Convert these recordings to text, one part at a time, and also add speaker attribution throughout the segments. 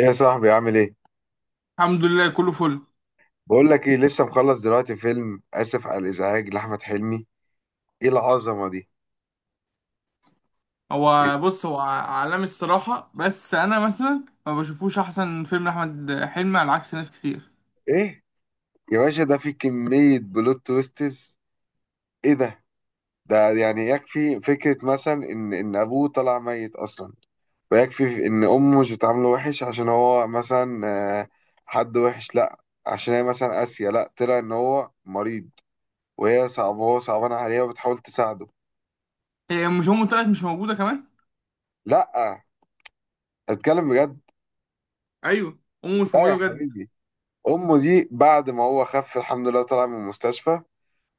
Speaker 1: إيه يا صاحبي؟ عامل ايه؟
Speaker 2: الحمد لله كله فل.
Speaker 1: بقول لك ايه، لسه مخلص دلوقتي فيلم اسف على الازعاج لاحمد حلمي. ايه العظمه دي؟ ايه؟
Speaker 2: هو بص، هو عالمي الصراحة، بس أنا مثلا ما بشوفوش أحسن فيلم لأحمد حلمي على عكس ناس كتير.
Speaker 1: إيه؟ يا باشا ده فيه كميه بلوت تويستز. ايه ده؟ ده يعني يكفي فكره مثلا ان ابوه طلع ميت اصلا، ويكفي ان امه مش بتعامله وحش عشان هو مثلا، آه، حد وحش؟ لا. عشان هي مثلا قاسيه؟ لا، طلع ان هو مريض وهي صعب وهو صعبان عليها وبتحاول تساعده.
Speaker 2: إيه، مش أمه طلعت مش موجودة كمان؟
Speaker 1: لا، اتكلم بجد.
Speaker 2: أيوه، أمه مش
Speaker 1: لا
Speaker 2: موجودة
Speaker 1: يا
Speaker 2: بجد.
Speaker 1: حبيبي، امه دي بعد ما هو خف الحمد لله طلع من المستشفى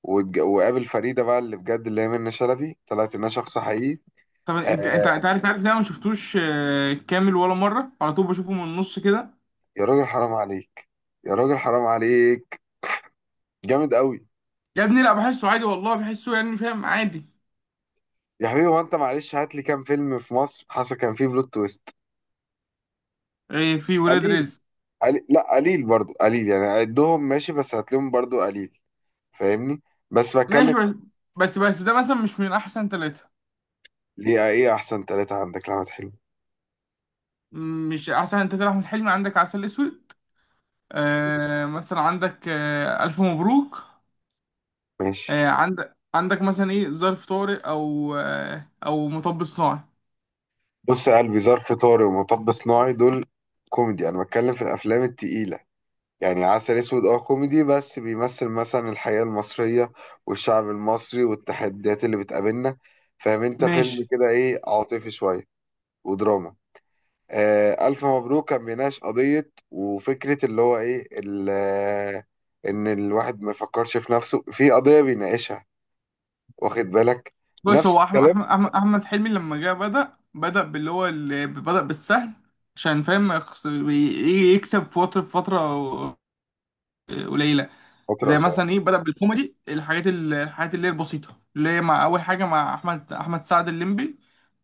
Speaker 1: وقابل فريده بقى، اللي بجد اللي هي منة شلبي طلعت انها شخص حقيقي.
Speaker 2: طب أنت أنت
Speaker 1: آه،
Speaker 2: أنت عارف إن أنا ما شفتوش كامل ولا مرة، على طول بشوفه من النص كده.
Speaker 1: يا راجل حرام عليك، يا راجل حرام عليك، جامد قوي.
Speaker 2: يا ابني لا، بحسه عادي والله، بحسه يعني فاهم عادي.
Speaker 1: يا حبيبي هو انت معلش هات لي كام فيلم في مصر حصل كان فيه بلوت تويست؟
Speaker 2: إيه، في ولاد
Speaker 1: قليل.
Speaker 2: رزق.
Speaker 1: قليل؟ لا قليل برضو، قليل يعني، عدهم ماشي، بس هات لهم برضو قليل. فاهمني؟ بس بتكلم.
Speaker 2: ماشي. بس ده مثلا مش من أحسن ثلاثة.
Speaker 1: ليه، ايه احسن ثلاثة عندك لأحمد حلمي؟
Speaker 2: مش أحسن ثلاثة أحمد حلمي، عندك عسل أسود، آه مثلا عندك آه ألف مبروك،
Speaker 1: ماشي.
Speaker 2: عندك مثلا ايه ظرف طارئ، او او مطب صناعي.
Speaker 1: بص يا قلبي، ظرف طارق ومطب صناعي دول كوميدي، انا بتكلم في الافلام التقيله. يعني عسل اسود اه كوميدي، بس بيمثل مثلا الحياه المصريه والشعب المصري والتحديات اللي بتقابلنا. فاهم انت؟ فيلم
Speaker 2: ماشي.
Speaker 1: كده ايه، عاطفي شويه ودراما. آه الف مبروك كان بيناقش قضيه وفكره، اللي هو ايه ان الواحد ما يفكرش في نفسه، في قضيه بيناقشها، واخد بالك؟
Speaker 2: بص،
Speaker 1: نفس
Speaker 2: هو احمد
Speaker 1: الكلام.
Speaker 2: احمد احمد أحمد حلمي لما جه، بدأ باللي هو اللي بدأ بالسهل، عشان فاهم ما يكسب في فترة قليلة.
Speaker 1: فتره
Speaker 2: زي
Speaker 1: اسامه.
Speaker 2: مثلا ايه، بدأ بالكوميدي، الحاجات الحاجات اللي هي البسيطة، اللي هي مع أول حاجة مع أحمد سعد الليمبي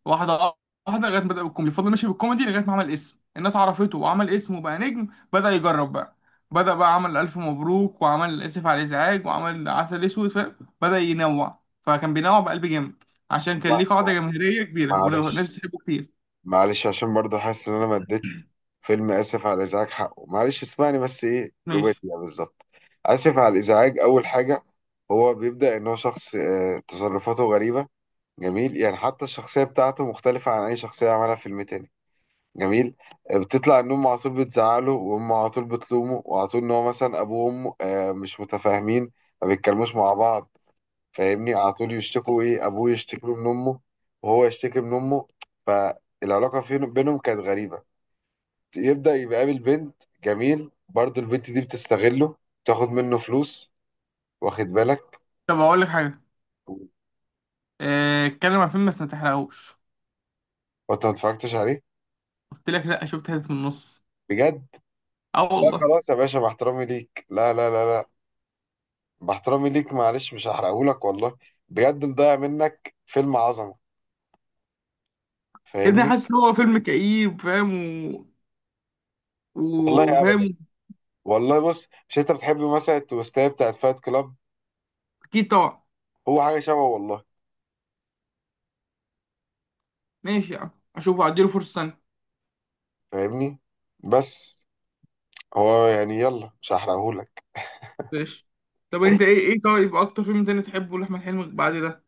Speaker 2: واحدة. واحدة، لغاية ما بدأ بالكوميدي، فضل ماشي بالكوميدي لغاية ما عمل اسم، الناس عرفته وعمل اسم وبقى نجم. بدأ يجرب بقى. بدأ بقى عمل ألف مبروك، وعمل آسف على الإزعاج، وعمل عسل أسود فاهم. بدأ ينوع، فكان بينوع بقلب جامد، عشان كان
Speaker 1: اسمع
Speaker 2: ليه قاعدة
Speaker 1: اسمع،
Speaker 2: جماهيرية كبيرة
Speaker 1: معلش،
Speaker 2: والناس بتحبه كتير.
Speaker 1: معلش عشان برضو حاسس ان انا ما اديت فيلم اسف على الازعاج حقه، معلش اسمعني بس، ايه رباعية.
Speaker 2: ماشي.
Speaker 1: بالظبط. اسف على الازعاج، اول حاجه هو بيبدا ان هو شخص تصرفاته غريبه، جميل. يعني حتى الشخصيه بتاعته مختلفه عن اي شخصيه عملها في فيلم تاني، جميل. بتطلع ان امه على طول بتزعله، وامه على طول بتلومه، وعلى طول ان هو مثلا ابوه وامه مش متفاهمين، ما بيتكلموش مع بعض. فاهمني؟ على طول يشتكوا، ايه، ابوه يشتكي له من امه، وهو يشتكي من امه. بينهم كانت غريبه. يبدا يبقى قابل بنت جميل، برضه البنت دي بتستغله، تاخد منه فلوس، واخد بالك؟
Speaker 2: طب أقول لك حاجة، اتكلم عن فيلم بس ما تحرقهوش.
Speaker 1: وانت ما اتفرجتش عليه؟
Speaker 2: قلت لك لأ، شفت حتت من النص.
Speaker 1: بجد؟
Speaker 2: اه
Speaker 1: لا
Speaker 2: والله.
Speaker 1: خلاص يا باشا، باحترامي ليك، لا لا لا لا، باحترامي ليك معلش مش هحرقهولك والله، بجد مضيع منك فيلم عظمه.
Speaker 2: يا ابني،
Speaker 1: فاهمني؟
Speaker 2: حاسس ان هو فيلم كئيب فاهم. و... و-
Speaker 1: والله
Speaker 2: وفاهم.
Speaker 1: ابدا. والله بص، مش انت بتحب مثلا التويستايه بتاعت فايت كلاب؟
Speaker 2: اكيد طبعا.
Speaker 1: هو حاجه شبه والله.
Speaker 2: ماشي يا عم، اشوفه اديله فرصه ثانيه.
Speaker 1: فاهمني؟ بس هو يعني يلا، مش هحرقهولك.
Speaker 2: ماشي. طب انت، ايه طيب اكتر فيلم تاني تحبه لاحمد حلمي بعد ده؟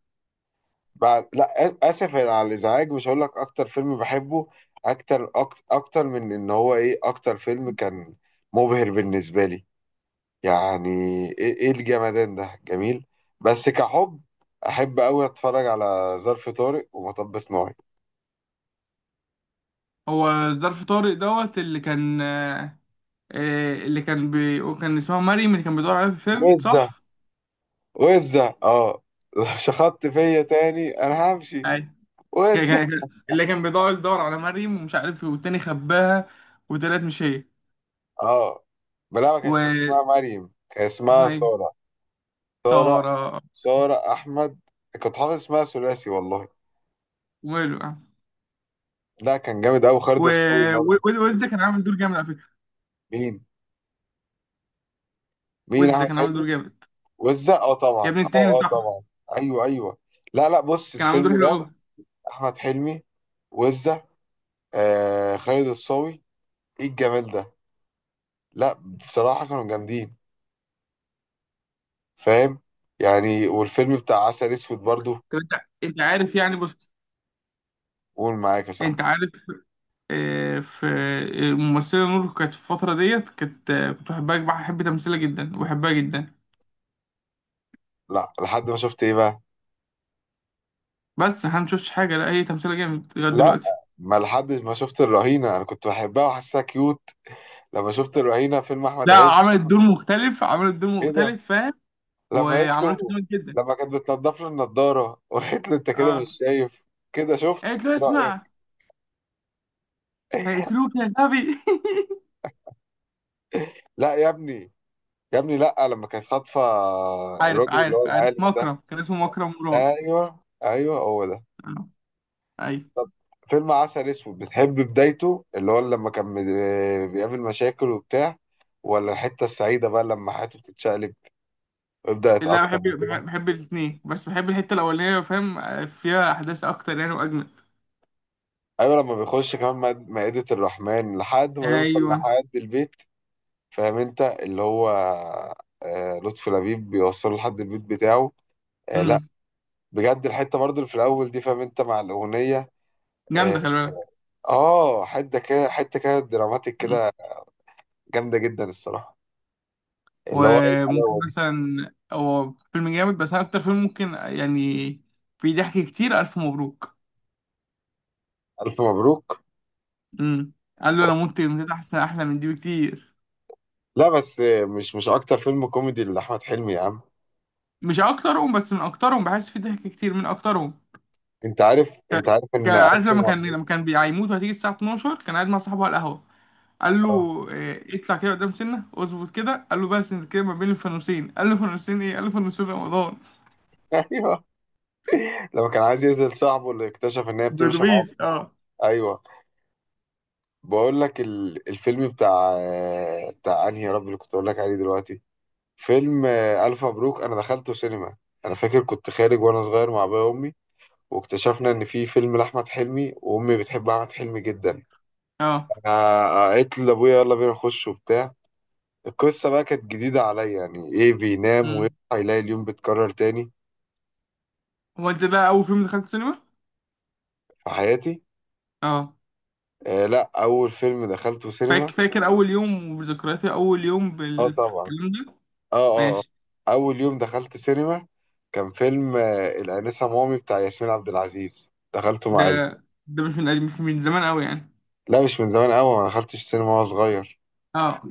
Speaker 1: بعد لا اسف على الازعاج، مش هقول لك اكتر فيلم بحبه، اكتر، اكتر من ان هو ايه، اكتر فيلم كان مبهر بالنسبه لي يعني، ايه, إيه الجمدان ده، جميل. بس كحب، احب قوي اتفرج على ظرف طارق ومطب صناعي.
Speaker 2: هو ظرف طارق دوت اللي كان اللي كان كان اسمها مريم، اللي كان بيدور عليها في الفيلم
Speaker 1: وزة.
Speaker 2: صح؟
Speaker 1: وزة اه. شخطت فيا تاني انا همشي.
Speaker 2: ايوه. كان-
Speaker 1: وزة
Speaker 2: كان- اللي كان يدور على مريم ومش عارف ايه، والتاني خباها وطلعت مش هي.
Speaker 1: اه. بلا، ما
Speaker 2: و
Speaker 1: كانش اسمها مريم، كان
Speaker 2: اسمها
Speaker 1: اسمها
Speaker 2: ايه؟
Speaker 1: سارة. سارة.
Speaker 2: سارة.
Speaker 1: سارة أحمد، كنت حافظ اسمها ثلاثي والله.
Speaker 2: وماله يعني.
Speaker 1: لا كان جامد أوي،
Speaker 2: و...
Speaker 1: خالد الصاوي
Speaker 2: و...
Speaker 1: برضه.
Speaker 2: وإزاي كان عامل دور جامد على فكرة.
Speaker 1: مين؟ مين
Speaker 2: ويز
Speaker 1: أحمد
Speaker 2: كان عامل
Speaker 1: حلمي؟
Speaker 2: دور جامد،
Speaker 1: وزة، أه طبعا
Speaker 2: يا ابني التاني
Speaker 1: أه. أه
Speaker 2: صاحبه،
Speaker 1: طبعا. أيوه أيوه. لا لا، بص
Speaker 2: كان عامل
Speaker 1: الفيلم
Speaker 2: دور حلو
Speaker 1: ده
Speaker 2: قوي.
Speaker 1: أحمد حلمي، وزة، آه خالد الصاوي، إيه الجمال ده؟ لا بصراحة كانوا جامدين، فاهم؟ يعني والفيلم بتاع عسل أسود برضه.
Speaker 2: طب انت، انت عارف يعني، بص،
Speaker 1: قول معاك يا صاحبي.
Speaker 2: انت عارف في الممثله نور، كانت في الفتره ديت كانت كنت بحبها، بحب تمثيلها جدا وبحبها جدا.
Speaker 1: لا لحد ما شفت إيه بقى؟
Speaker 2: بس احنا مشفتش حاجه، لا هي تمثيلها جامد لغايه
Speaker 1: لا،
Speaker 2: دلوقتي.
Speaker 1: ما لحد ما شفت الرهينة أنا كنت بحبها وحاسسها كيوت. لما شفت الرهينة فيلم أحمد
Speaker 2: لا،
Speaker 1: عز.
Speaker 2: عملت دور مختلف، عملت دور
Speaker 1: ايه ده؟
Speaker 2: مختلف فاهم،
Speaker 1: لما قالت
Speaker 2: وعملته
Speaker 1: له،
Speaker 2: جامد جدا.
Speaker 1: لما كانت بتنضف له النضاره وقالت له انت كده مش
Speaker 2: اه،
Speaker 1: شايف كده، شفت
Speaker 2: قالت له اسمع،
Speaker 1: رايك؟
Speaker 2: هيقتلوك يا غبي.
Speaker 1: لا يا ابني، يا ابني لا، لما كانت خاطفه
Speaker 2: عارف
Speaker 1: الراجل اللي
Speaker 2: عارف
Speaker 1: هو
Speaker 2: عارف
Speaker 1: العالم ده،
Speaker 2: مكرم كان اسمه مكرم مراد.
Speaker 1: ايوه ايوه هو ده.
Speaker 2: آه، ايوه.
Speaker 1: طب فيلم عسل اسود، بتحب بدايته اللي هو لما كان بيقابل مشاكل وبتاع، ولا الحته السعيده بقى لما حياته بتتشقلب ويبدا
Speaker 2: لا
Speaker 1: يتاقلم
Speaker 2: بحب،
Speaker 1: وكده؟
Speaker 2: بحب الاثنين، بس بحب الحته الاولانيه، فاهم فيها احداث اكتر يعني واجمد.
Speaker 1: ايوه لما بيخش كمان مائدة الرحمن لحد ما يوصل
Speaker 2: ايوه.
Speaker 1: لحد البيت. فاهم انت اللي هو، لطفي لبيب بيوصله لحد البيت بتاعه. لا
Speaker 2: امم
Speaker 1: بجد الحته برضه اللي في الاول دي، فاهم انت، مع الاغنيه اه.
Speaker 2: جامده خلي بالك.
Speaker 1: حته كده، حته كده دراماتيك
Speaker 2: مم.
Speaker 1: كده، جامده جدا الصراحه، اللي هو ايه
Speaker 2: وممكن
Speaker 1: الحلاوه دي.
Speaker 2: مثلا، هو فيلم جامد بس انا اكتر فيلم ممكن يعني في ضحك كتير الف مبروك.
Speaker 1: الف مبروك.
Speaker 2: امم قال له انا مت، متت احسن احلى من دي بكتير.
Speaker 1: لا بس مش مش اكتر فيلم كوميدي لاحمد حلمي يا عم.
Speaker 2: مش اكترهم بس من اكترهم، بحس في ضحك كتير، من اكترهم.
Speaker 1: انت عارف، انت
Speaker 2: ك-
Speaker 1: عارف ان
Speaker 2: كان
Speaker 1: الف
Speaker 2: عارف لما كان،
Speaker 1: مبروك.
Speaker 2: هيموت وهتيجي الساعه 12، كان قاعد مع صاحبه على القهوه، قال له
Speaker 1: اه.
Speaker 2: إيه، اطلع كده قدام سنة اظبط كده، قال له بس انت كده ما بين الفانوسين، قال له فانوسين ايه، قال له فانوسين رمضان.
Speaker 1: ايوه، لما كان عايز يقتل صاحبه اللي اكتشف ان هي بتمشي مع
Speaker 2: برودويز
Speaker 1: اخته.
Speaker 2: اه.
Speaker 1: ايوه. بقول لك الفيلم بتاع، بتاع انهي يا رب اللي كنت اقول لك عليه دلوقتي. فيلم الف مبروك انا دخلته سينما. انا فاكر كنت خارج وانا صغير مع ابويا وامي، واكتشفنا ان في فيلم لاحمد حلمي وامي بتحب احمد حلمي جدا.
Speaker 2: اه.
Speaker 1: قالت لي لابويا يلا بينا نخش وبتاع. القصه بقى كانت جديده عليا، يعني ايه بينام ويصحى
Speaker 2: مم.
Speaker 1: يلاقي اليوم بيتكرر تاني.
Speaker 2: هو انت ده اول فيلم دخلت سينما؟
Speaker 1: في حياتي.
Speaker 2: اه.
Speaker 1: آه لا، اول فيلم دخلته سينما.
Speaker 2: فاكر اول يوم، وذكرياتي اول يوم
Speaker 1: اه طبعا،
Speaker 2: بالكلام ده.
Speaker 1: اه اه
Speaker 2: ماشي.
Speaker 1: اول يوم دخلت سينما كان فيلم الانسه مامي بتاع ياسمين عبد العزيز، دخلته مع
Speaker 2: ده
Speaker 1: عيلتي.
Speaker 2: ده مش من زمان قوي يعني.
Speaker 1: لا مش من زمان قوي، ما دخلتش سينما وانا صغير.
Speaker 2: اه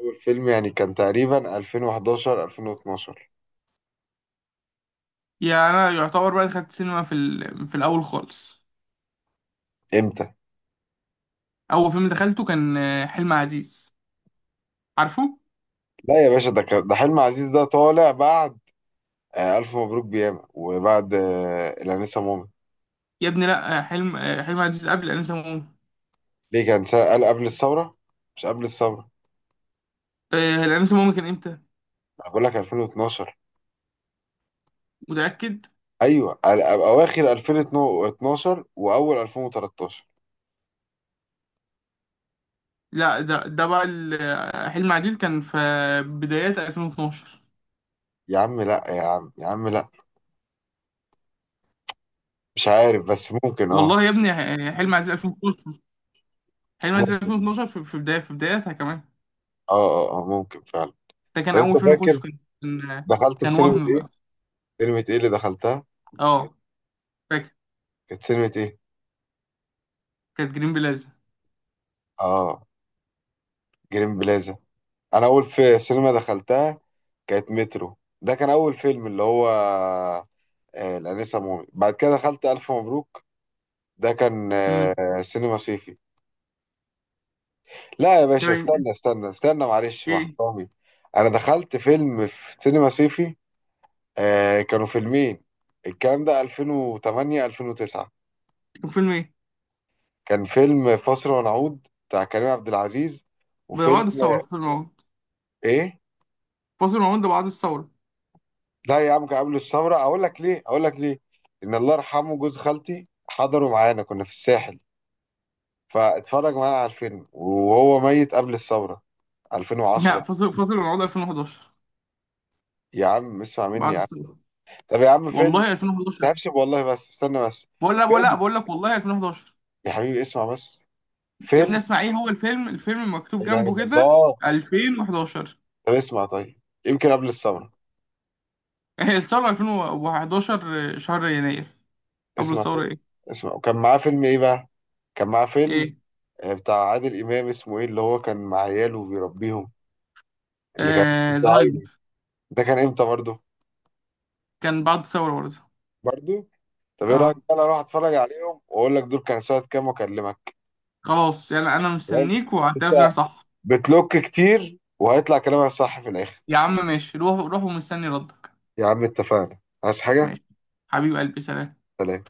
Speaker 1: اول فيلم يعني كان تقريبا 2011 2012.
Speaker 2: يعني انا يعتبر بقى دخلت سينما في في الاول خالص.
Speaker 1: امتى؟
Speaker 2: اول فيلم دخلته كان حلم عزيز، عارفه؟
Speaker 1: لا يا باشا، ده كان ده حلم عزيز ده طالع بعد الف مبروك بياما، وبعد الانسه مامي.
Speaker 2: يا ابني لا، حلم عزيز قبل انسة.
Speaker 1: ليه كان سنة قال قبل الثوره؟ مش قبل الثوره.
Speaker 2: الانسة ماما كان امتى؟
Speaker 1: أنا بقول لك 2012.
Speaker 2: متأكد؟
Speaker 1: ايوه اواخر 2012 واول 2013.
Speaker 2: لا ده بقى حلم عزيز كان في بدايات 2012.
Speaker 1: يا عم لا، يا عم يا عم لا، مش عارف بس ممكن اه.
Speaker 2: والله يا ابني حلم عزيز 2012، حلم عزيز
Speaker 1: ممكن،
Speaker 2: 2012 في بداية في بداياتها كمان.
Speaker 1: اه اه اه ممكن فعلا.
Speaker 2: ده كان
Speaker 1: طب انت
Speaker 2: اول فيلم اخشه،
Speaker 1: فاكر دخلت في
Speaker 2: كان
Speaker 1: سينما
Speaker 2: وهم
Speaker 1: ايه؟
Speaker 2: بقى.
Speaker 1: سينما ايه اللي دخلتها؟
Speaker 2: اه فاكر.
Speaker 1: كانت سينما ايه؟
Speaker 2: كانت جرين بلازا.
Speaker 1: اه جرين بلازا. انا اول في سينما دخلتها كانت مترو، ده كان اول فيلم، اللي هو آه الانسه مومي. بعد كده دخلت الف مبروك، ده كان
Speaker 2: امم
Speaker 1: آه سينما صيفي. لا يا
Speaker 2: ده
Speaker 1: باشا استنى
Speaker 2: ايه؟
Speaker 1: استنى استنى، معلش مع
Speaker 2: إيه؟
Speaker 1: احترامي، انا دخلت فيلم في سينما صيفي، آه كانوا فيلمين، الكلام ده 2008 2009.
Speaker 2: كان فيلم ايه؟
Speaker 1: كان فيلم فاصل ونعود بتاع كريم عبد العزيز،
Speaker 2: ده
Speaker 1: وفيلم
Speaker 2: بعد الثورة، فاصل الموعود.
Speaker 1: ايه.
Speaker 2: فاصل الموعود ده بعد الثورة.
Speaker 1: لا يا عم كان قبل الثوره، اقول لك ليه، اقول لك ليه. ان الله يرحمه جوز خالتي حضروا معانا كنا في الساحل، فاتفرج معانا على الفيلم وهو ميت قبل الثوره.
Speaker 2: لا،
Speaker 1: 2010.
Speaker 2: فاصل الموعود 2011.
Speaker 1: يا عم اسمع مني
Speaker 2: بعد
Speaker 1: يا عم.
Speaker 2: الثورة،
Speaker 1: طب يا عم فيلم،
Speaker 2: والله
Speaker 1: ده
Speaker 2: 2011.
Speaker 1: هفسب والله بس استنى بس.
Speaker 2: بقول لك بقول لك
Speaker 1: فيلم،
Speaker 2: بقول لك والله 2011.
Speaker 1: يا حبيبي اسمع بس.
Speaker 2: يا ابني
Speaker 1: فيلم.
Speaker 2: اسمع، ايه هو الفيلم؟ الفيلم مكتوب
Speaker 1: لا اله
Speaker 2: جنبه
Speaker 1: الا
Speaker 2: كده
Speaker 1: الله.
Speaker 2: 2011.
Speaker 1: طب اسمع طيب، يمكن قبل الثوره.
Speaker 2: هي الثورة 2011 شهر يناير. قبل
Speaker 1: اسمع
Speaker 2: الثورة
Speaker 1: طيب،
Speaker 2: ايه؟
Speaker 1: اسمع، وكان معاه فيلم ايه بقى. كان معاه فيلم
Speaker 2: ايه؟
Speaker 1: بتاع عادل إمام اسمه إيه اللي هو كان مع عياله وبيربيهم. اللي كان
Speaker 2: آه
Speaker 1: الزهايمر،
Speaker 2: زهايمر.
Speaker 1: ده كان إمتى برضه؟
Speaker 2: كان بعد الثورة برضه.
Speaker 1: برضه؟ طب إيه رأيك
Speaker 2: اه
Speaker 1: بقى أروح أتفرج عليهم وأقول لك دول كان سنة كام وأكلمك.
Speaker 2: خلاص، يعني انا
Speaker 1: تمام؟
Speaker 2: مستنيك
Speaker 1: أنت
Speaker 2: وهعترف ان انا صح.
Speaker 1: بتلوك كتير وهيطلع كلامك صح في الآخر.
Speaker 2: يا عم ماشي، روح روح ومستني ردك.
Speaker 1: يا عم اتفقنا. عايز حاجة؟
Speaker 2: ماشي، حبيب قلبي سلام.
Speaker 1: سلام.